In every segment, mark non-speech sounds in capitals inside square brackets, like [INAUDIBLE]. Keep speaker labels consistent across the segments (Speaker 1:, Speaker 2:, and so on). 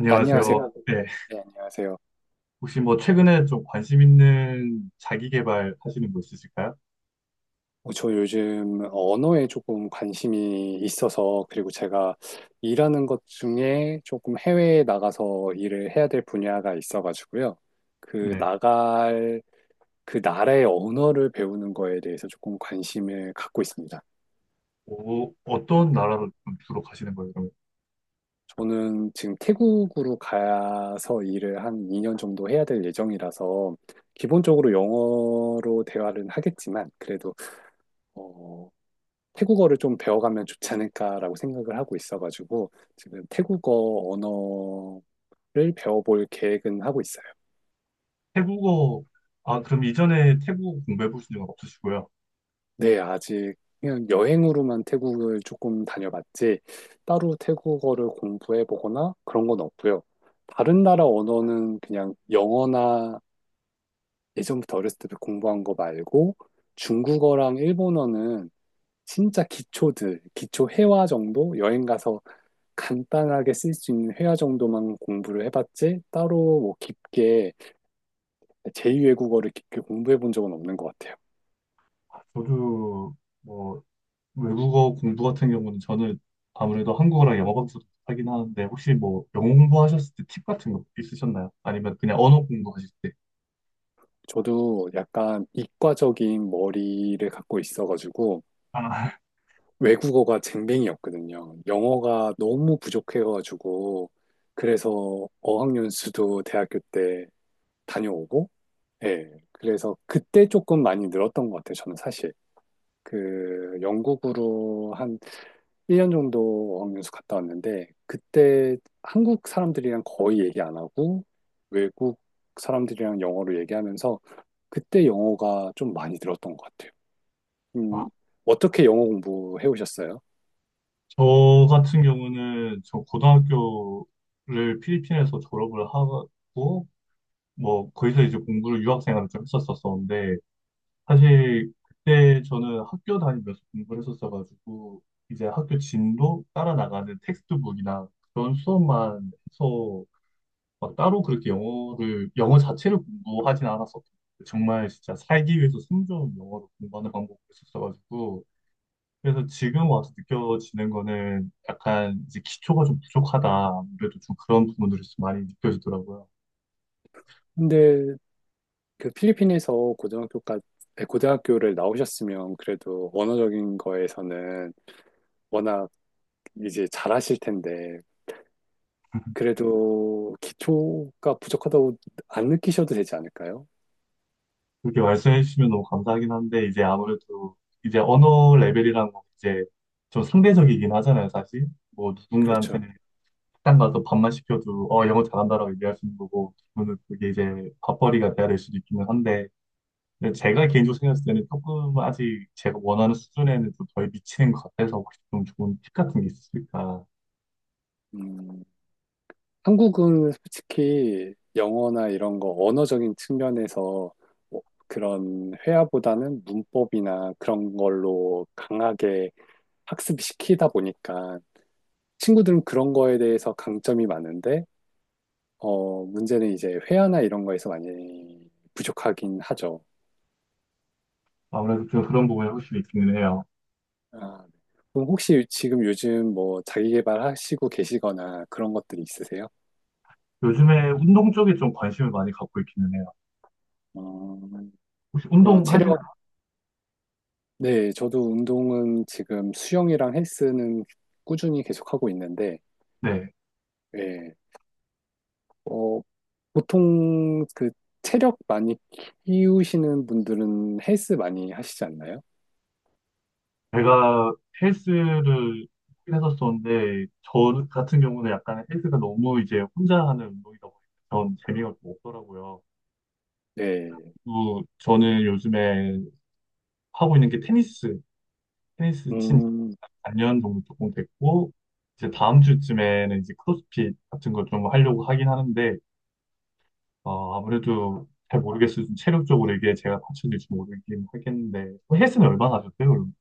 Speaker 1: 안녕하세요.
Speaker 2: 안녕하세요.
Speaker 1: 안녕하세요. 네.
Speaker 2: 네, 안녕하세요.
Speaker 1: 혹시 최근에 좀 관심 있는 자기 개발 하시는 거 있으실까요?
Speaker 2: 저 요즘 언어에 조금 관심이 있어서, 그리고 제가 일하는 것 중에 조금 해외에 나가서 일을 해야 될 분야가 있어가지고요. 그
Speaker 1: 네.
Speaker 2: 나갈, 그 나라의 언어를 배우는 거에 대해서 조금 관심을 갖고 있습니다.
Speaker 1: 오, 어떤 나라로 좀 주로 가시는 거예요? 그,
Speaker 2: 저는 지금 태국으로 가서 일을 한 2년 정도 해야 될 예정이라서, 기본적으로 영어로 대화를 하겠지만, 그래도 어, 태국어를 좀 배워가면 좋지 않을까라고 생각을 하고 있어가지고 지금 태국어 언어를 배워볼 계획은 하고 있어요.
Speaker 1: 태국어, 아, 그럼 이전에 태국어 공부해 보신 적은 없으시고요.
Speaker 2: 네, 아직 그냥 여행으로만 태국을 조금 다녀봤지 따로 태국어를 공부해보거나 그런 건 없고요. 다른 나라 언어는 그냥 영어나 예전부터 어렸을 때 공부한 거 말고 중국어랑 일본어는 진짜 기초 회화 정도 여행 가서 간단하게 쓸 수 있는 회화 정도만 공부를 해봤지 따로 뭐 깊게 제2외국어를 깊게 공부해 본 적은 없는 것 같아요.
Speaker 1: 아, 저도, 뭐 외국어 공부 같은 경우는 저는 아무래도 한국어랑 영어밖에 하긴 하는데, 혹시 영어 공부하셨을 때 팁 같은 거 있으셨나요? 아니면 그냥 언어 공부하실 때?
Speaker 2: 저도 약간 이과적인 머리를 갖고 있어가지고
Speaker 1: 아,
Speaker 2: 외국어가 쟁뱅이었거든요. 영어가 너무 부족해가지고 그래서 어학연수도 대학교 때 다녀오고 예. 그래서 그때 조금 많이 늘었던 것 같아요. 저는 사실 그 영국으로 한 1년 정도 어학연수 갔다 왔는데 그때 한국 사람들이랑 거의 얘기 안 하고 외국 사람들이랑 영어로 얘기하면서 그때 영어가 좀 많이 늘었던 것 같아요.
Speaker 1: 아,
Speaker 2: 음, 어떻게 영어 공부해 오셨어요?
Speaker 1: 저 같은 경우는 저 고등학교를 필리핀에서 졸업을 하고, 거기서 이제 공부를, 유학생활을 좀 했었었는데, 사실 그때 저는 학교 다니면서 공부를 했었어가지고 이제 학교 진도 따라 나가는 텍스트북이나 그런 수업만 해서 막 따로 그렇게 영어 자체를 공부하진 않았었고, 정말 진짜 살기 위해서 숨겨놓은 영어로 공부하는 방법을 했었어가지고, 그래서 지금 와서 느껴지는 거는 약간 이제 기초가 좀 부족하다. 아무래도 좀 그런 부분들이 좀 많이 느껴지더라고요.
Speaker 2: 근데 그 필리핀에서 고등학교까지 네, 고등학교를 나오셨으면 그래도 언어적인 거에서는 워낙 이제 잘하실 텐데 그래도 기초가 부족하다고 안 느끼셔도 되지 않을까요?
Speaker 1: 그렇게 말씀해 주시면 너무 감사하긴 한데, 이제 아무래도 이제 언어 레벨이라는 건 이제 좀 상대적이긴 하잖아요, 사실.
Speaker 2: 그렇죠.
Speaker 1: 누군가한테는 식당 가서 밥만 시켜도, 영어 잘한다라고 얘기할 수 있는 거고, 그분은 그게 이제 밥벌이가 돼야 될 수도 있기는 한데, 근데 제가 개인적으로 생각했을 때는 조금 아직 제가 원하는 수준에는 좀 덜 미치는 것 같아서, 혹시 좀 좋은 팁 같은 게 있을까?
Speaker 2: 음, 한국은 솔직히 영어나 이런 거 언어적인 측면에서 뭐 그런 회화보다는 문법이나 그런 걸로 강하게 학습시키다 보니까 친구들은 그런 거에 대해서 강점이 많은데, 문제는 이제 회화나 이런 거에서 많이 부족하긴 하죠.
Speaker 1: 아무래도 그런 부분이 확실히 있기는 해요.
Speaker 2: 아, 그럼 혹시 지금 요즘 뭐 자기계발 하시고 계시거나 그런 것들이 있으세요?
Speaker 1: 요즘에 운동 쪽에 좀 관심을 많이 갖고 있기는 해요.
Speaker 2: 어,
Speaker 1: 혹시
Speaker 2: 그
Speaker 1: 운동, 네, 하시나요?
Speaker 2: 네, 저도 운동은 지금 수영이랑 헬스는 꾸준히 계속하고 있는데,
Speaker 1: 네.
Speaker 2: 예, 어, 보통 그 체력 많이 키우시는 분들은 헬스 많이 하시지 않나요?
Speaker 1: 제가 헬스를 하긴 했었었는데, 저 같은 경우는 약간 헬스가 너무 이제 혼자 하는 운동이다 보니까 전 재미가 좀 없더라고요.
Speaker 2: 네,
Speaker 1: 그리고 저는 요즘에 하고 있는 게 테니스, 테니스 친지
Speaker 2: 음,
Speaker 1: 4년 정도 조금 됐고, 이제 다음 주쯤에는 이제 크로스핏 같은 걸 좀 하려고 하긴 하는데, 아무래도 잘 모르겠어요. 좀 체력적으로 이게 제가 받쳐질지 모르긴 하겠는데. 헬스는 얼마나 하셨어요, 그럼?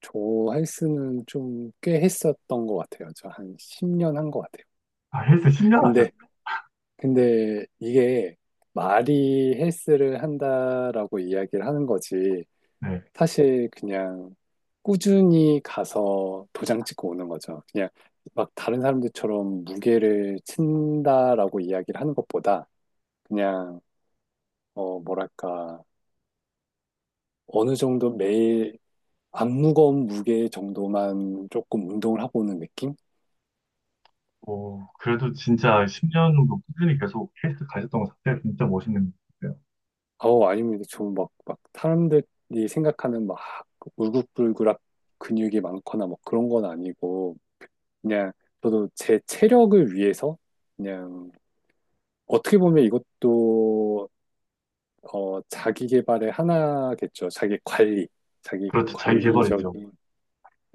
Speaker 2: 저 헬스는 좀 꽤 했었던 것 같아요. 저 한 10년 한 것 같아요.
Speaker 1: 아, 헬스 10년 하셨어요?
Speaker 2: 근데, 근데 이게 말이 헬스를 한다라고 이야기를 하는 거지,
Speaker 1: 네.
Speaker 2: 사실 그냥 꾸준히 가서 도장 찍고 오는 거죠. 그냥 막 다른 사람들처럼 무게를 친다라고 이야기를 하는 것보다 그냥 뭐랄까 어느 정도 매일 안 무거운 무게 정도만 조금 운동을 하고 오는 느낌?
Speaker 1: 어, 그래도 진짜 10년 정도 꾸준히 계속 헬스 가셨던 것 자체가 진짜 멋있는 것 같아요.
Speaker 2: 아니면 좀막막 사람들이 생각하는 막 울긋불긋한 근육이 많거나 뭐 그런 건 아니고 그냥 저도 제 체력을 위해서 그냥 어떻게 보면 이것도 자기 개발의 하나겠죠. 자기 관리, 자기
Speaker 1: 그렇죠. 자기 개발이죠.
Speaker 2: 관리적인,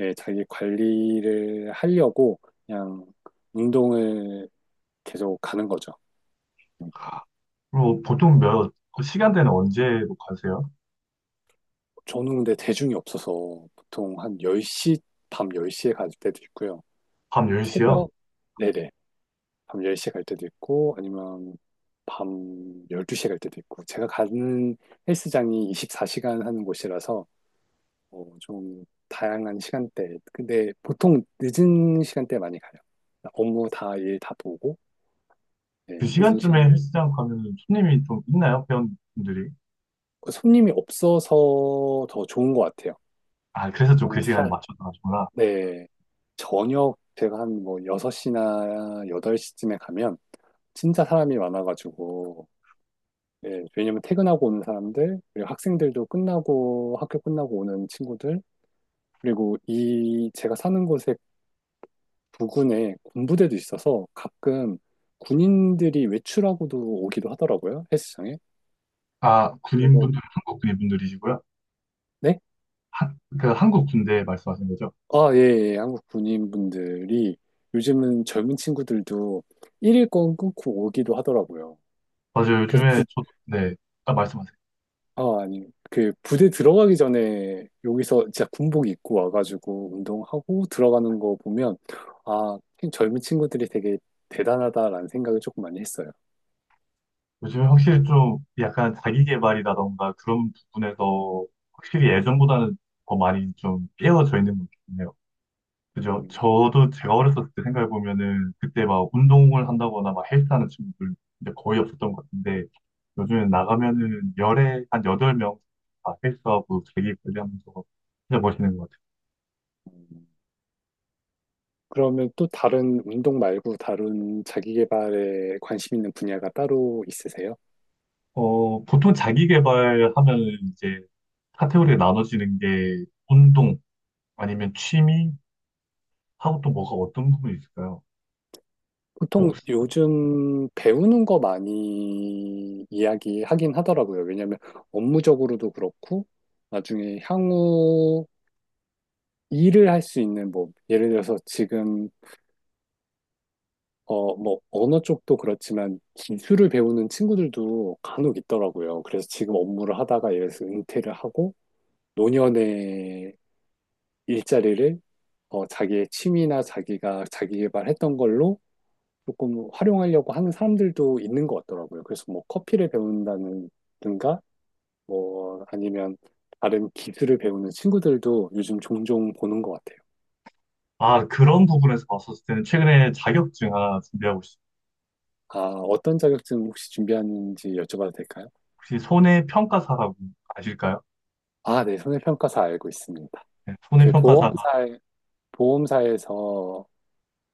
Speaker 2: 예, 자기 관리를 하려고 그냥 운동을 계속 가는 거죠.
Speaker 1: 그리고 보통 몇, 그 시간대는 언제로 가세요?
Speaker 2: 저는 근데 대중이 없어서 보통 한 10시, 밤 10시에 갈 때도 있고요.
Speaker 1: 밤 10시요?
Speaker 2: 새벽, 네네, 밤 10시에 갈 때도 있고, 아니면 밤 12시에 갈 때도 있고, 제가 가는 헬스장이 24시간 하는 곳이라서 좀 다양한 시간대. 근데 보통 늦은 시간대에 많이 가요. 일 다 보고,
Speaker 1: 그
Speaker 2: 네, 늦은
Speaker 1: 시간쯤에
Speaker 2: 시간대.
Speaker 1: 헬스장 가면 손님이 좀 있나요? 회원분들이?
Speaker 2: 그 손님이 없어서 더 좋은 것 같아요.
Speaker 1: 아, 그래서 좀 그
Speaker 2: 저는
Speaker 1: 시간에
Speaker 2: 사,
Speaker 1: 맞춰서 가시구나.
Speaker 2: 네. 저녁 제가 한 뭐 6시나 8시쯤에 가면 진짜 사람이 많아가지고, 예, 왜냐면 퇴근하고 오는 사람들, 그리고 학생들도 끝나고, 학교 끝나고 오는 친구들, 그리고 이 제가 사는 곳에 부근에 군부대도 있어서 가끔 군인들이 외출하고도 오기도 하더라고요, 헬스장에.
Speaker 1: 아,
Speaker 2: 그리고,
Speaker 1: 군인분들, 한국 군인분들이시고요?
Speaker 2: 네?
Speaker 1: 한, 그 한국 군대 말씀하신 거죠?
Speaker 2: 아, 예, 예. 예. 한국 군인분들이 요즘은 젊은 친구들도 일일권 끊고 오기도 하더라고요.
Speaker 1: 맞아요.
Speaker 2: 그래서
Speaker 1: 요즘에
Speaker 2: 부,
Speaker 1: 저도, 네. 딱 말씀하세요.
Speaker 2: 아, 아니, 그 부대 들어가기 전에 여기서 진짜 군복 입고 와가지고 운동하고 들어가는 거 보면, 아, 젊은 친구들이 되게 대단하다라는 생각을 조금 많이 했어요.
Speaker 1: 요즘에 확실히 좀 약간 자기계발이라던가 그런 부분에서 확실히 예전보다는 더 많이 좀 깨어져 있는 것 같네요. 그죠?
Speaker 2: 음.
Speaker 1: 저도 제가 어렸을 때 생각해보면은 그때 막 운동을 한다거나 막 헬스하는 친구들 이제 거의 없었던 것 같은데, 요즘에 나가면은 열에 한 여덟 명다 헬스하고 자기 관리하면서 진짜 멋있는 것 같아요.
Speaker 2: 음. 그러면 또 다른 운동 말고 다른 자기 개발에 관심 있는 분야가 따로 있으세요?
Speaker 1: 보통 자기 개발하면 이제 카테고리에 나눠지는 게 운동, 아니면 취미? 하고 또 뭐가 어떤 부분이 있을까요?
Speaker 2: 보통
Speaker 1: 복사.
Speaker 2: 요즘 배우는 거 많이 이야기하긴 하더라고요. 왜냐하면 업무적으로도 그렇고 나중에 향후 일을 할 수 있는 뭐 예를 들어서 지금 뭐 언어 쪽도 그렇지만 기술을 배우는 친구들도 간혹 있더라고요. 그래서 지금 업무를 하다가 예를 들어서 은퇴를 하고 노년에 일자리를 자기의 취미나 자기가 자기 개발했던 걸로 조금 활용하려고 하는 사람들도 있는 것 같더라고요. 그래서 뭐 커피를 배운다든가 뭐 아니면 다른 기술을 배우는 친구들도 요즘 종종 보는 것 같아요.
Speaker 1: 아, 그런 부분에서 봤었을 때는 최근에 자격증 하나 준비하고 있어요.
Speaker 2: 아, 어떤 자격증 혹시 준비하는지 여쭤봐도 될까요?
Speaker 1: 혹시 손해평가사라고 아실까요?
Speaker 2: 아, 네, 손해평가사 알고 있습니다.
Speaker 1: 네,
Speaker 2: 그
Speaker 1: 손해평가사가.
Speaker 2: 보험사에서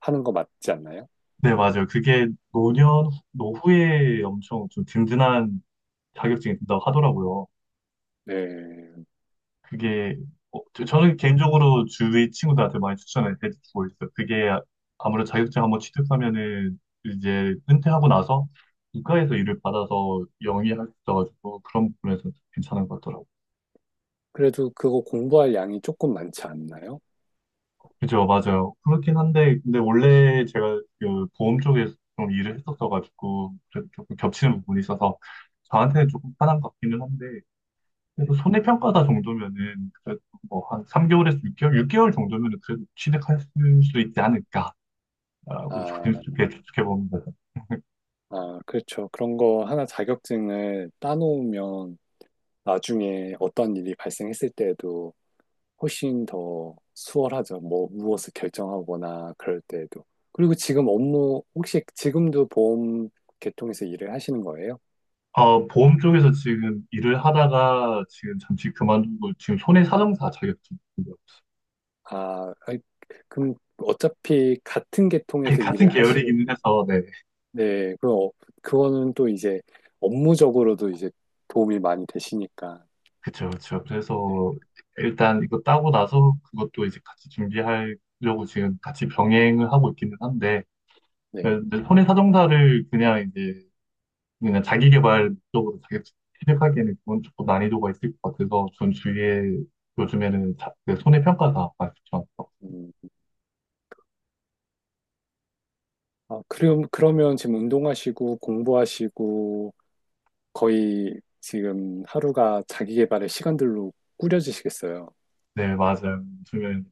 Speaker 2: 하는 거 맞지 않나요?
Speaker 1: 네, 맞아요. 그게 노년, 노후에 엄청 좀 든든한 자격증이 된다고 하더라고요.
Speaker 2: 네.
Speaker 1: 그게, 저는 개인적으로 주위 친구들한테 많이 추천을 해주고 있어요. 그게, 아, 아무래도 자격증 한번 취득하면은 이제 은퇴하고 나서 국가에서 일을 받아서 영위할 수 있어가지고, 그런 부분에서 괜찮은 것 같더라고요.
Speaker 2: 그래도 그거 공부할 양이 조금 많지 않나요?
Speaker 1: 그죠, 맞아요. 그렇긴 한데, 근데 원래 제가 그 보험 쪽에서 좀 일을 했었어가지고 그래도 조금 겹치는 부분이 있어서 저한테는 조금 편한 것 같기는 한데,
Speaker 2: 네.
Speaker 1: 그래서 손해평가사 정도면은 그래도 한 3개월에서 6개월 정도면은 그래도 취득할 수 있지 않을까라고
Speaker 2: 아,
Speaker 1: 조심스럽게 추측해 봅니다.
Speaker 2: 아, 그렇죠. 그런 거 하나 자격증을 따놓으면 나중에 어떤 일이 발생했을 때에도 훨씬 더 수월하죠. 뭐, 무엇을 결정하거나 그럴 때에도. 그리고 지금 업무, 혹시 지금도 보험 계통에서 일을 하시는 거예요?
Speaker 1: 어, 보험 쪽에서 지금 일을 하다가 지금 잠시 그만두고 지금 손해사정사 자격증 있고요.
Speaker 2: 아, 아이, 그럼 어차피 같은
Speaker 1: [LAUGHS]
Speaker 2: 계통에서
Speaker 1: 같은
Speaker 2: 일을 하실,
Speaker 1: 계열이기는 해서, 네
Speaker 2: 네, 그거는 또 이제 업무적으로도 이제 도움이 많이 되시니까.
Speaker 1: 그죠그렇죠
Speaker 2: 네,
Speaker 1: 그래서 일단 이거 따고 나서 그것도 이제 같이 준비하려고 지금 같이 병행을 하고 있기는 한데, 네,
Speaker 2: 네.
Speaker 1: 근데 손해사정사를 그냥 이제, 그냥 자기 개발 쪽으로 자기 취직하기에는 그건 조금 난이도가 있을 것 같아서, 전 주위에 요즘에는 자, 그 손해평가사 말씀처럼.
Speaker 2: 음. 아, 그럼, 그러면 지금 운동하시고 공부하시고 거의 지금 하루가 자기 개발의 시간들로 꾸려지시겠어요.
Speaker 1: 네, 맞아요. 요즘엔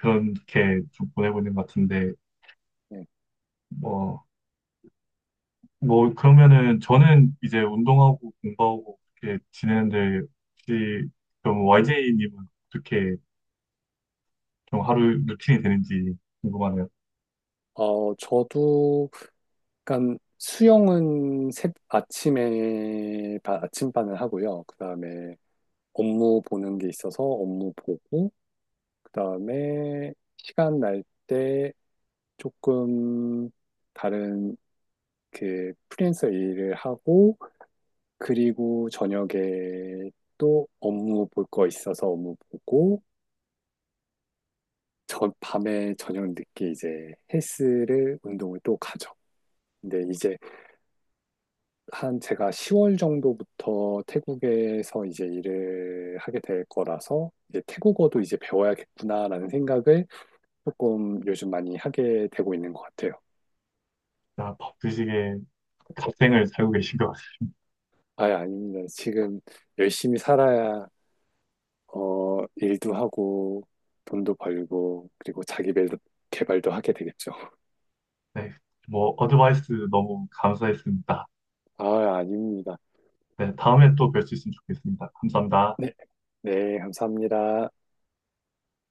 Speaker 1: 그렇게 좀 보내고 있는 것 같은데,
Speaker 2: 예.
Speaker 1: 뭐 그러면은 저는 이제 운동하고 공부하고 이렇게 지내는데, 혹시 그럼 YJ님은 어떻게 좀 하루 루틴이 되는지 궁금하네요.
Speaker 2: 저도 약간 수영은 아침에 아침반을 하고요. 그다음에 업무 보는 게 있어서 업무 보고 그다음에 시간 날 때 조금 다른 그 프리랜서 일을 하고 그리고 저녁에 또 업무 볼 거 있어서 업무 보고, 저 밤에 저녁 늦게 이제 헬스를, 운동을 또 가죠. 근데 이제 한 제가 10월 정도부터 태국에서 이제 일을 하게 될 거라서 이제 태국어도 이제 배워야겠구나라는 생각을 조금 요즘 많이 하게 되고 있는 것 같아요.
Speaker 1: 다 바쁘시게 갓생을 살고 계신 것 같습니다.
Speaker 2: 아예 아닙니다. 지금 열심히 살아야 일도 하고 돈도 벌고 그리고 자기 개발도 하게 되겠죠.
Speaker 1: 네, 어드바이스 너무 감사했습니다.
Speaker 2: 아, 아닙니다.
Speaker 1: 네, 다음에 또 뵐 수 있으면 좋겠습니다. 감사합니다.
Speaker 2: 네, 네, 감사합니다.